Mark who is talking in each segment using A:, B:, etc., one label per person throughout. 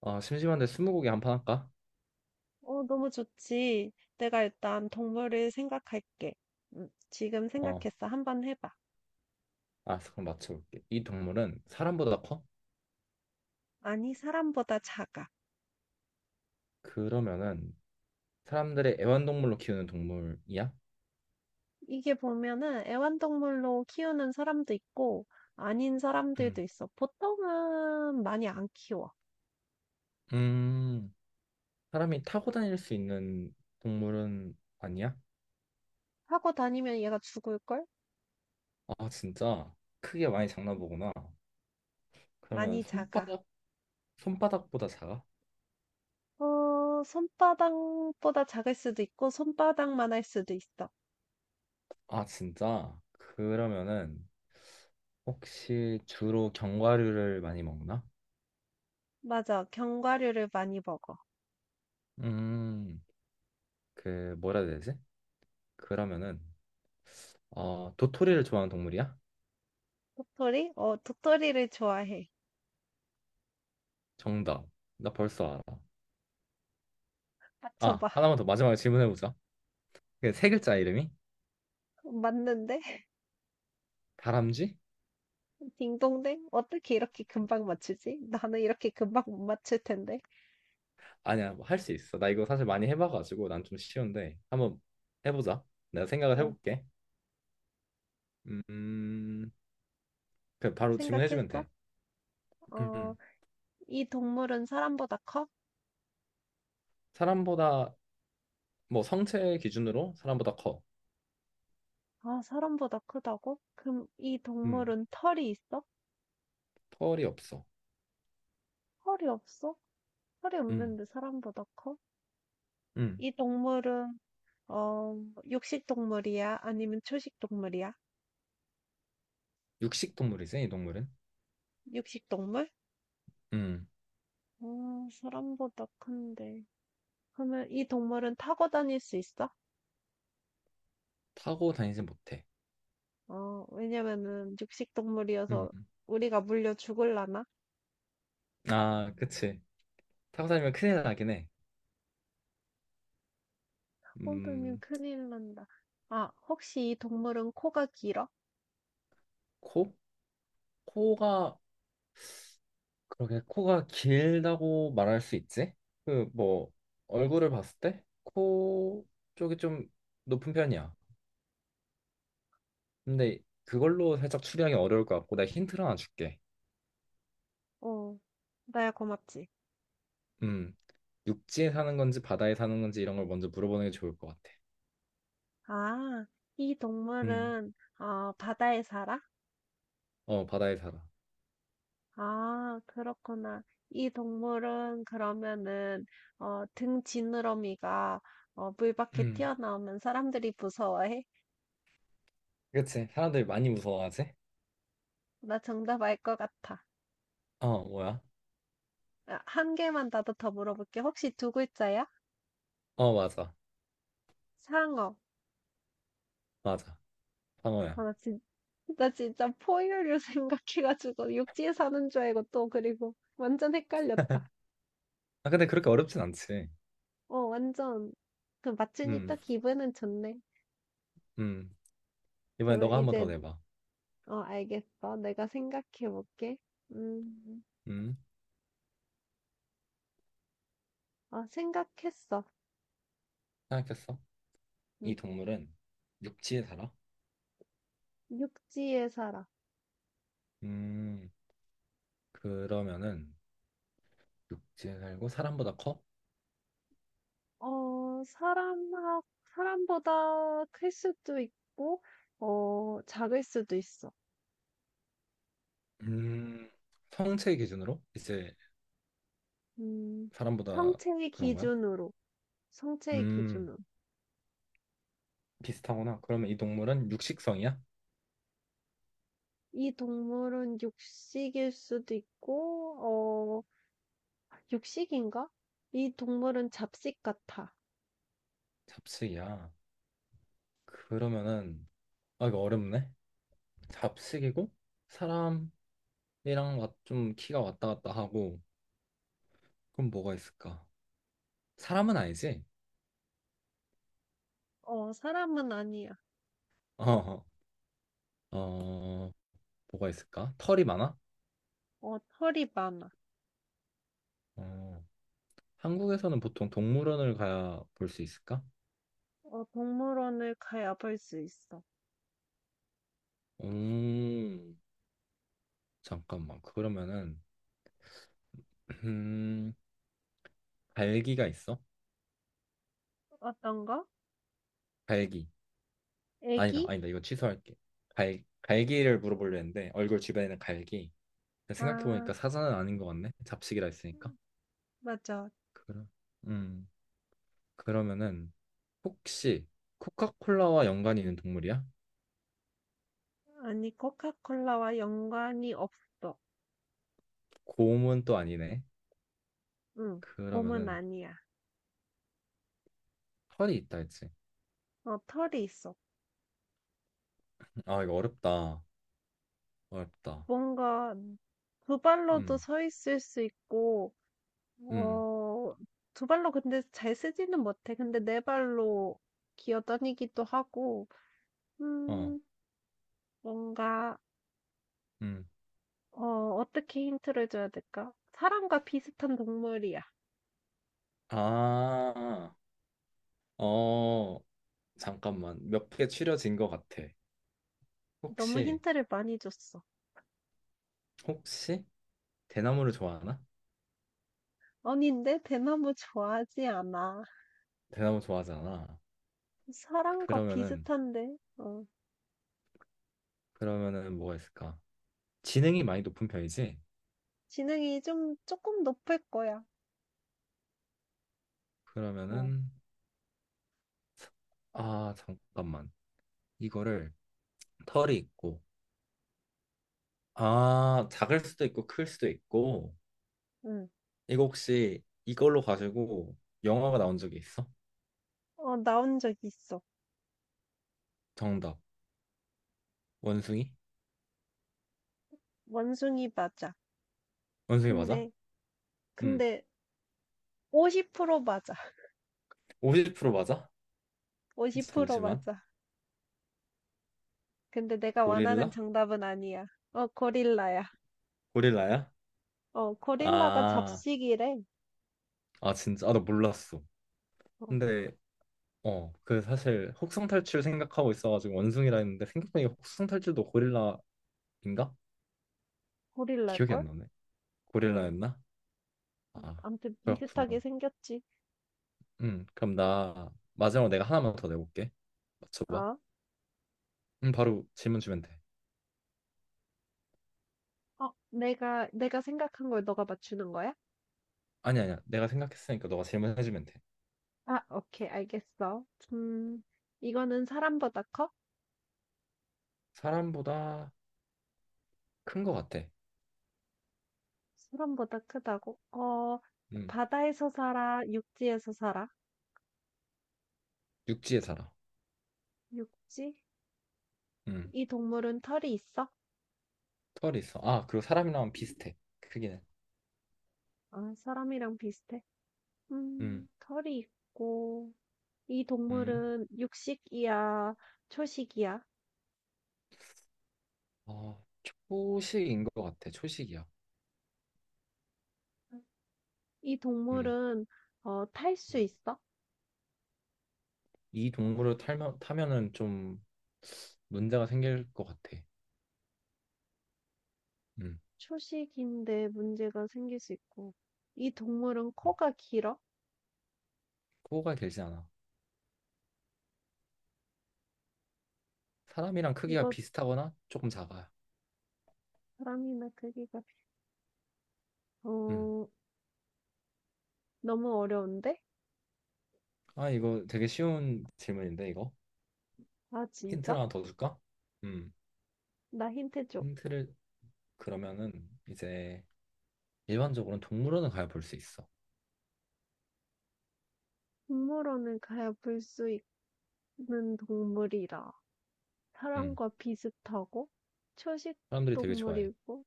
A: 심심한데 스무고개 한 판 할까?
B: 너무 좋지. 내가 일단 동물을 생각할게. 지금
A: 어,
B: 생각했어. 한번 해봐.
A: 알았어. 그럼 맞춰볼게. 이 동물은 사람보다 커?
B: 아니, 사람보다 작아.
A: 그러면은 사람들의 애완동물로 키우는 동물이야?
B: 이게 보면은 애완동물로 키우는 사람도 있고, 아닌 사람들도
A: 음.
B: 있어. 보통은 많이 안 키워.
A: 음, 사람이 타고 다닐 수 있는 동물은 아니야?
B: 하고 다니면 얘가 죽을걸?
A: 아, 진짜 크게 많이 장난보구나. 그러면
B: 많이 작아.
A: 손바닥, 손바닥보다 작아?
B: 어, 손바닥보다 작을 수도 있고, 손바닥만 할 수도 있어.
A: 아, 진짜? 그러면은 혹시 주로 견과류를 많이 먹나?
B: 맞아. 견과류를 많이 먹어.
A: 음, 그 뭐라 해야 되지? 그러면은 도토리를 좋아하는 동물이야?
B: 도토리? 어, 도토리를 좋아해.
A: 정답. 나 벌써 알아. 아,
B: 맞춰봐.
A: 하나만 더 마지막에 질문해보자. 그세 글자 이름이?
B: 맞는데?
A: 다람쥐?
B: 딩동댕? 어떻게 이렇게 금방 맞추지? 나는 이렇게 금방 못 맞출 텐데.
A: 아니야, 뭐 할 수 있어. 나 이거 사실 많이 해봐가지고 난 좀 쉬운데 한번 해보자. 내가 생각을
B: 응,
A: 해볼게. 음, 그 바로 질문해주면
B: 생각했어?
A: 돼.
B: 어,
A: 음,
B: 이 동물은 사람보다 커?
A: 사람보다 뭐 성체 기준으로 사람보다 커.
B: 아, 사람보다 크다고? 그럼 이
A: 음,
B: 동물은 털이 있어?
A: 털이 없어.
B: 털이 없어? 털이
A: 음,
B: 없는데 사람보다 커?
A: 음,
B: 이 동물은, 어, 육식 동물이야? 아니면 초식 동물이야?
A: 육식 동물이지 이 동물은.
B: 육식 동물?
A: 음,
B: 어, 사람보다 큰데. 그러면 이 동물은 타고 다닐 수 있어?
A: 타고 다니지 못해.
B: 어, 왜냐면은 육식
A: 음,
B: 동물이어서 우리가 물려 죽을라나?
A: 아, 그치. 타고 다니면 큰일 나긴 해.
B: 호두님
A: 음,
B: 큰일 난다. 아, 혹시 이 동물은 코가 길어?
A: 코? 코가 그렇게 코가 길다고 말할 수 있지? 그 뭐 얼굴을 봤을 때 코 쪽이 좀 높은 편이야. 근데 그걸로 살짝 추리하기 어려울 것 같고 내가 힌트를 하나 줄게.
B: 어, 나야 고맙지.
A: 음, 육지에 사는 건지 바다에 사는 건지 이런 걸 먼저 물어보는 게 좋을 것 같아.
B: 아, 이
A: 음,
B: 동물은 어, 바다에 살아?
A: 어 바다에 살아.
B: 아, 그렇구나. 이 동물은 그러면은 등 지느러미가 물 밖에
A: 음,
B: 튀어나오면 사람들이 무서워해?
A: 그치. 사람들이 많이 무서워하지?
B: 나 정답 알 것 같아.
A: 어 뭐야?
B: 아, 한 개만 나도 더 물어볼게. 혹시 두 글자야?
A: 어 맞아,
B: 상어.
A: 맞아.
B: 아,
A: 방어야.
B: 나 진, 나 진짜 포유류 생각해가지고 육지에 사는 줄 알고 또 그리고 완전 헷갈렸다.
A: 아 근데 그렇게 어렵진 않지.
B: 어, 완전 그 맞추니 또
A: 음,
B: 기분은 좋네.
A: 음. 이번에
B: 그러면
A: 너가 한번 더
B: 이제
A: 내봐.
B: 어, 알겠어. 내가 생각해볼게. 음.
A: 음,
B: 아, 생각했어.
A: 생각했어? 이 동물은 육지에 살아?
B: 응. 육지에 살아.
A: 음, 그러면은 육지에 살고 사람보다 커?
B: 어, 사람하, 사람보다 클 수도 있고, 어, 작을 수도 있어.
A: 음, 성체 기준으로 이제
B: 음,
A: 사람보다
B: 성체의
A: 그런 거야?
B: 기준으로, 성체의
A: 음,
B: 기준으로.
A: 비슷하구나. 그러면 이 동물은 육식성이야?
B: 이 동물은 육식일 수도 있고, 어, 육식인가? 이 동물은 잡식 같아.
A: 잡식이야. 그러면은 아 이거 어렵네. 잡식이고 사람이랑 좀 키가 왔다 갔다 하고 그럼 뭐가 있을까? 사람은 아니지?
B: 어, 사람은 아니야.
A: 어, 어, 뭐가 있을까? 털이 많아?
B: 어, 털이 많아.
A: 어. 한국에서는 보통 동물원을 가야 볼 수 있을까?
B: 어, 동물원을 가야 볼 수 있어.
A: 음, 잠깐만. 그러면은 음, 갈기가 있어?
B: 어떤가?
A: 갈기. 아니다,
B: 애기?
A: 아니다. 이거 취소할게. 갈 갈기를 물어보려 했는데 얼굴 주변에 는 갈기. 생각해
B: 아.
A: 보니까 사자는 아닌 것 같네. 잡식이라 했으니까.
B: 음, 맞아.
A: 그럼 음, 그러면은 혹시 코카콜라와 연관이 있는 동물이야?
B: 아니, 코카콜라와 연관이 없어.
A: 곰은 또 아니네.
B: 응, 곰은
A: 그러면은
B: 아니야.
A: 털이 있다 했지.
B: 어, 털이 있어.
A: 아, 이거 어렵다. 어렵다.
B: 뭔가 두 발로도
A: 음,
B: 서 있을 수 있고,
A: 음.
B: 어, 두 발로 근데 잘 쓰지는 못해. 근데 네 발로 기어다니기도 하고,
A: 어.
B: 음, 뭔가,
A: 음.
B: 어, 어떻게 힌트를 줘야 될까? 사람과 비슷한 동물이야.
A: 아, 어, 잠깐만. 몇 개 추려진 것 같아.
B: 너무
A: 혹시,
B: 힌트를 많이 줬어.
A: 혹시 대나무를 좋아하나?
B: 아니, 내 대나무 좋아하지 않아.
A: 대나무 좋아하잖아.
B: 사랑과
A: 그러면은,
B: 비슷한데. 어.
A: 그러면은 뭐가 있을까? 지능이 많이 높은 편이지?
B: 지능이 좀 조금 높을 거야. 어.
A: 그러면은, 아, 잠깐만. 이거를 털이 있고, 아, 작을 수도 있고, 클 수도 있고,
B: 응.
A: 이거 혹시 이걸로 가지고 영화가 나온 적이 있어?
B: 어 나온 적 있어.
A: 정답. 원숭이?
B: 원숭이 맞아.
A: 원숭이 맞아?
B: 근데
A: 음,
B: 근데 50% 맞아.
A: 50% 맞아?
B: 50%
A: 잠시만.
B: 맞아. 근데 내가 원하는
A: 고릴라?
B: 정답은 아니야. 어 고릴라야.
A: 고릴라야?
B: 어 고릴라가
A: 아,
B: 잡식이래.
A: 아 진짜? 아, 나 몰랐어.
B: 어
A: 근데 그 사실 혹성탈출 생각하고 있어가지고 원숭이라 했는데 생각보니까 혹성탈출도 고릴라인가? 기억이 안
B: 고릴라일걸?
A: 나네.
B: 어.
A: 고릴라였나? 아,
B: 아무튼
A: 그렇구나.
B: 비슷하게 생겼지.
A: 그럼 나 마지막으로 내가 하나만 더 내볼게. 맞춰봐.
B: 어?
A: 바로 질문 주면 돼.
B: 어 내가 생각한 걸 너가 맞추는 거야?
A: 아니 아니야. 내가 생각했으니까 너가 질문해주면 돼.
B: 아 오케이 알겠어. 음 이거는 사람보다 커?
A: 사람보다 큰 거 같아.
B: 사람보다 크다고? 어,
A: 음,
B: 바다에서 살아, 육지에서 살아?
A: 육지에 살아.
B: 육지?
A: 음,
B: 이 동물은 털이 있어?
A: 털이 있어. 아, 그리고 사람이랑 비슷해. 크기는.
B: 아, 사람이랑 비슷해.
A: 음.
B: 털이 있고, 이
A: 음.
B: 동물은 육식이야, 초식이야?
A: 어, 초식인 것 같아. 초식이야.
B: 이
A: 음.
B: 동물은, 어, 탈 수
A: 음.
B: 있어?
A: 이 동물을 타면, 타면은 좀 문제가 생길 것 같아. 음.
B: 초식인데 문제가 생길 수 있고, 이 동물은
A: 음.
B: 코가 길어?
A: 코가 길지 않아. 사람이랑 크기가
B: 이거
A: 비슷하거나 조금 작아요.
B: 사람이나 크기가, 비-
A: 음.
B: 어, 너무 어려운데?
A: 아, 이거 되게 쉬운 질문인데, 이거?
B: 아, 진짜?
A: 힌트를 하나 더 줄까? 음.
B: 나 힌트 줘.
A: 힌트를 그러면은 이제 일반적으로는 동물원을 가야 볼 수 있어.
B: 동물원을 가야 볼 수 있는 동물이라
A: 음.
B: 사람과 비슷하고 초식
A: 사람들이 되게 좋아해.
B: 동물이고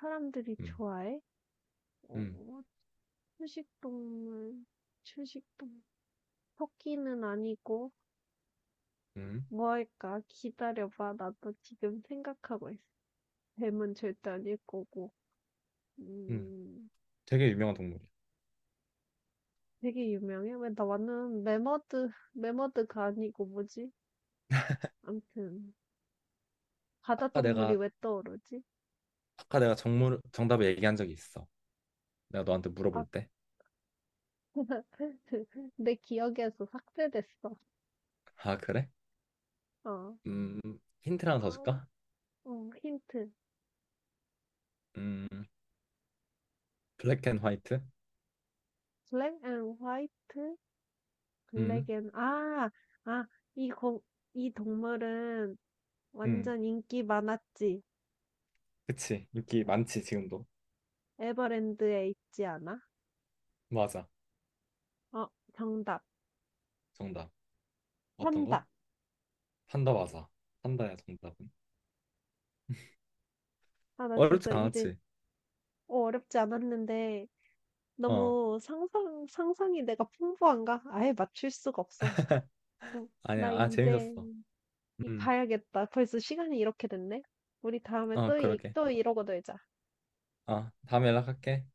B: 사람들이
A: 음.
B: 좋아해.
A: 음.
B: 어, 초식 동물, 초식 동물. 토끼는 아니고
A: 음.
B: 뭐 할까? 기다려봐. 나도 지금 생각하고 있어. 뱀은 절대 아닐 거고.
A: 음.
B: 음,
A: 되게 유명한 동물이야.
B: 되게 유명해. 매머드가 아니고 뭐지? 암튼 바다
A: 아까
B: 동물이
A: 내가
B: 왜 떠오르지?
A: 아까 내가 정답을 얘기한 적이 있어. 내가 너한테
B: 아..
A: 물어볼 때.
B: 내 기억에서 삭제됐어.
A: 아, 그래?
B: 어,
A: 음, 힌트를 하나 더
B: 아,
A: 줄까?
B: 힌트.
A: 음, 블랙 앤 화이트?
B: 블랙 앤 화이트, 블랙
A: 음,
B: 앤, 아, 아, 이 거, 이 동물은
A: 음,
B: 완전 인기 많았지.
A: 그치. 인기 많지, 지금도.
B: 에버랜드에 있지 않아?
A: 맞아.
B: 어, 정답.
A: 정답. 어떤 거?
B: 판다.
A: 판다 맞아. 판다야, 정답은.
B: 아, 나
A: 어렵지
B: 진짜 이제,
A: 않았지?
B: 어, 어렵지 않았는데,
A: 어,
B: 상상이 내가 풍부한가? 아예 맞출 수가 없어. 음, 나
A: 아니야. 아,
B: 이제
A: 재밌었어.
B: 이
A: 음,
B: 가야겠다. 벌써 시간이 이렇게 됐네. 우리 다음에
A: 어,
B: 또 얘기,
A: 그러게.
B: 또 이러고 놀자.
A: 아, 다음에 연락할게.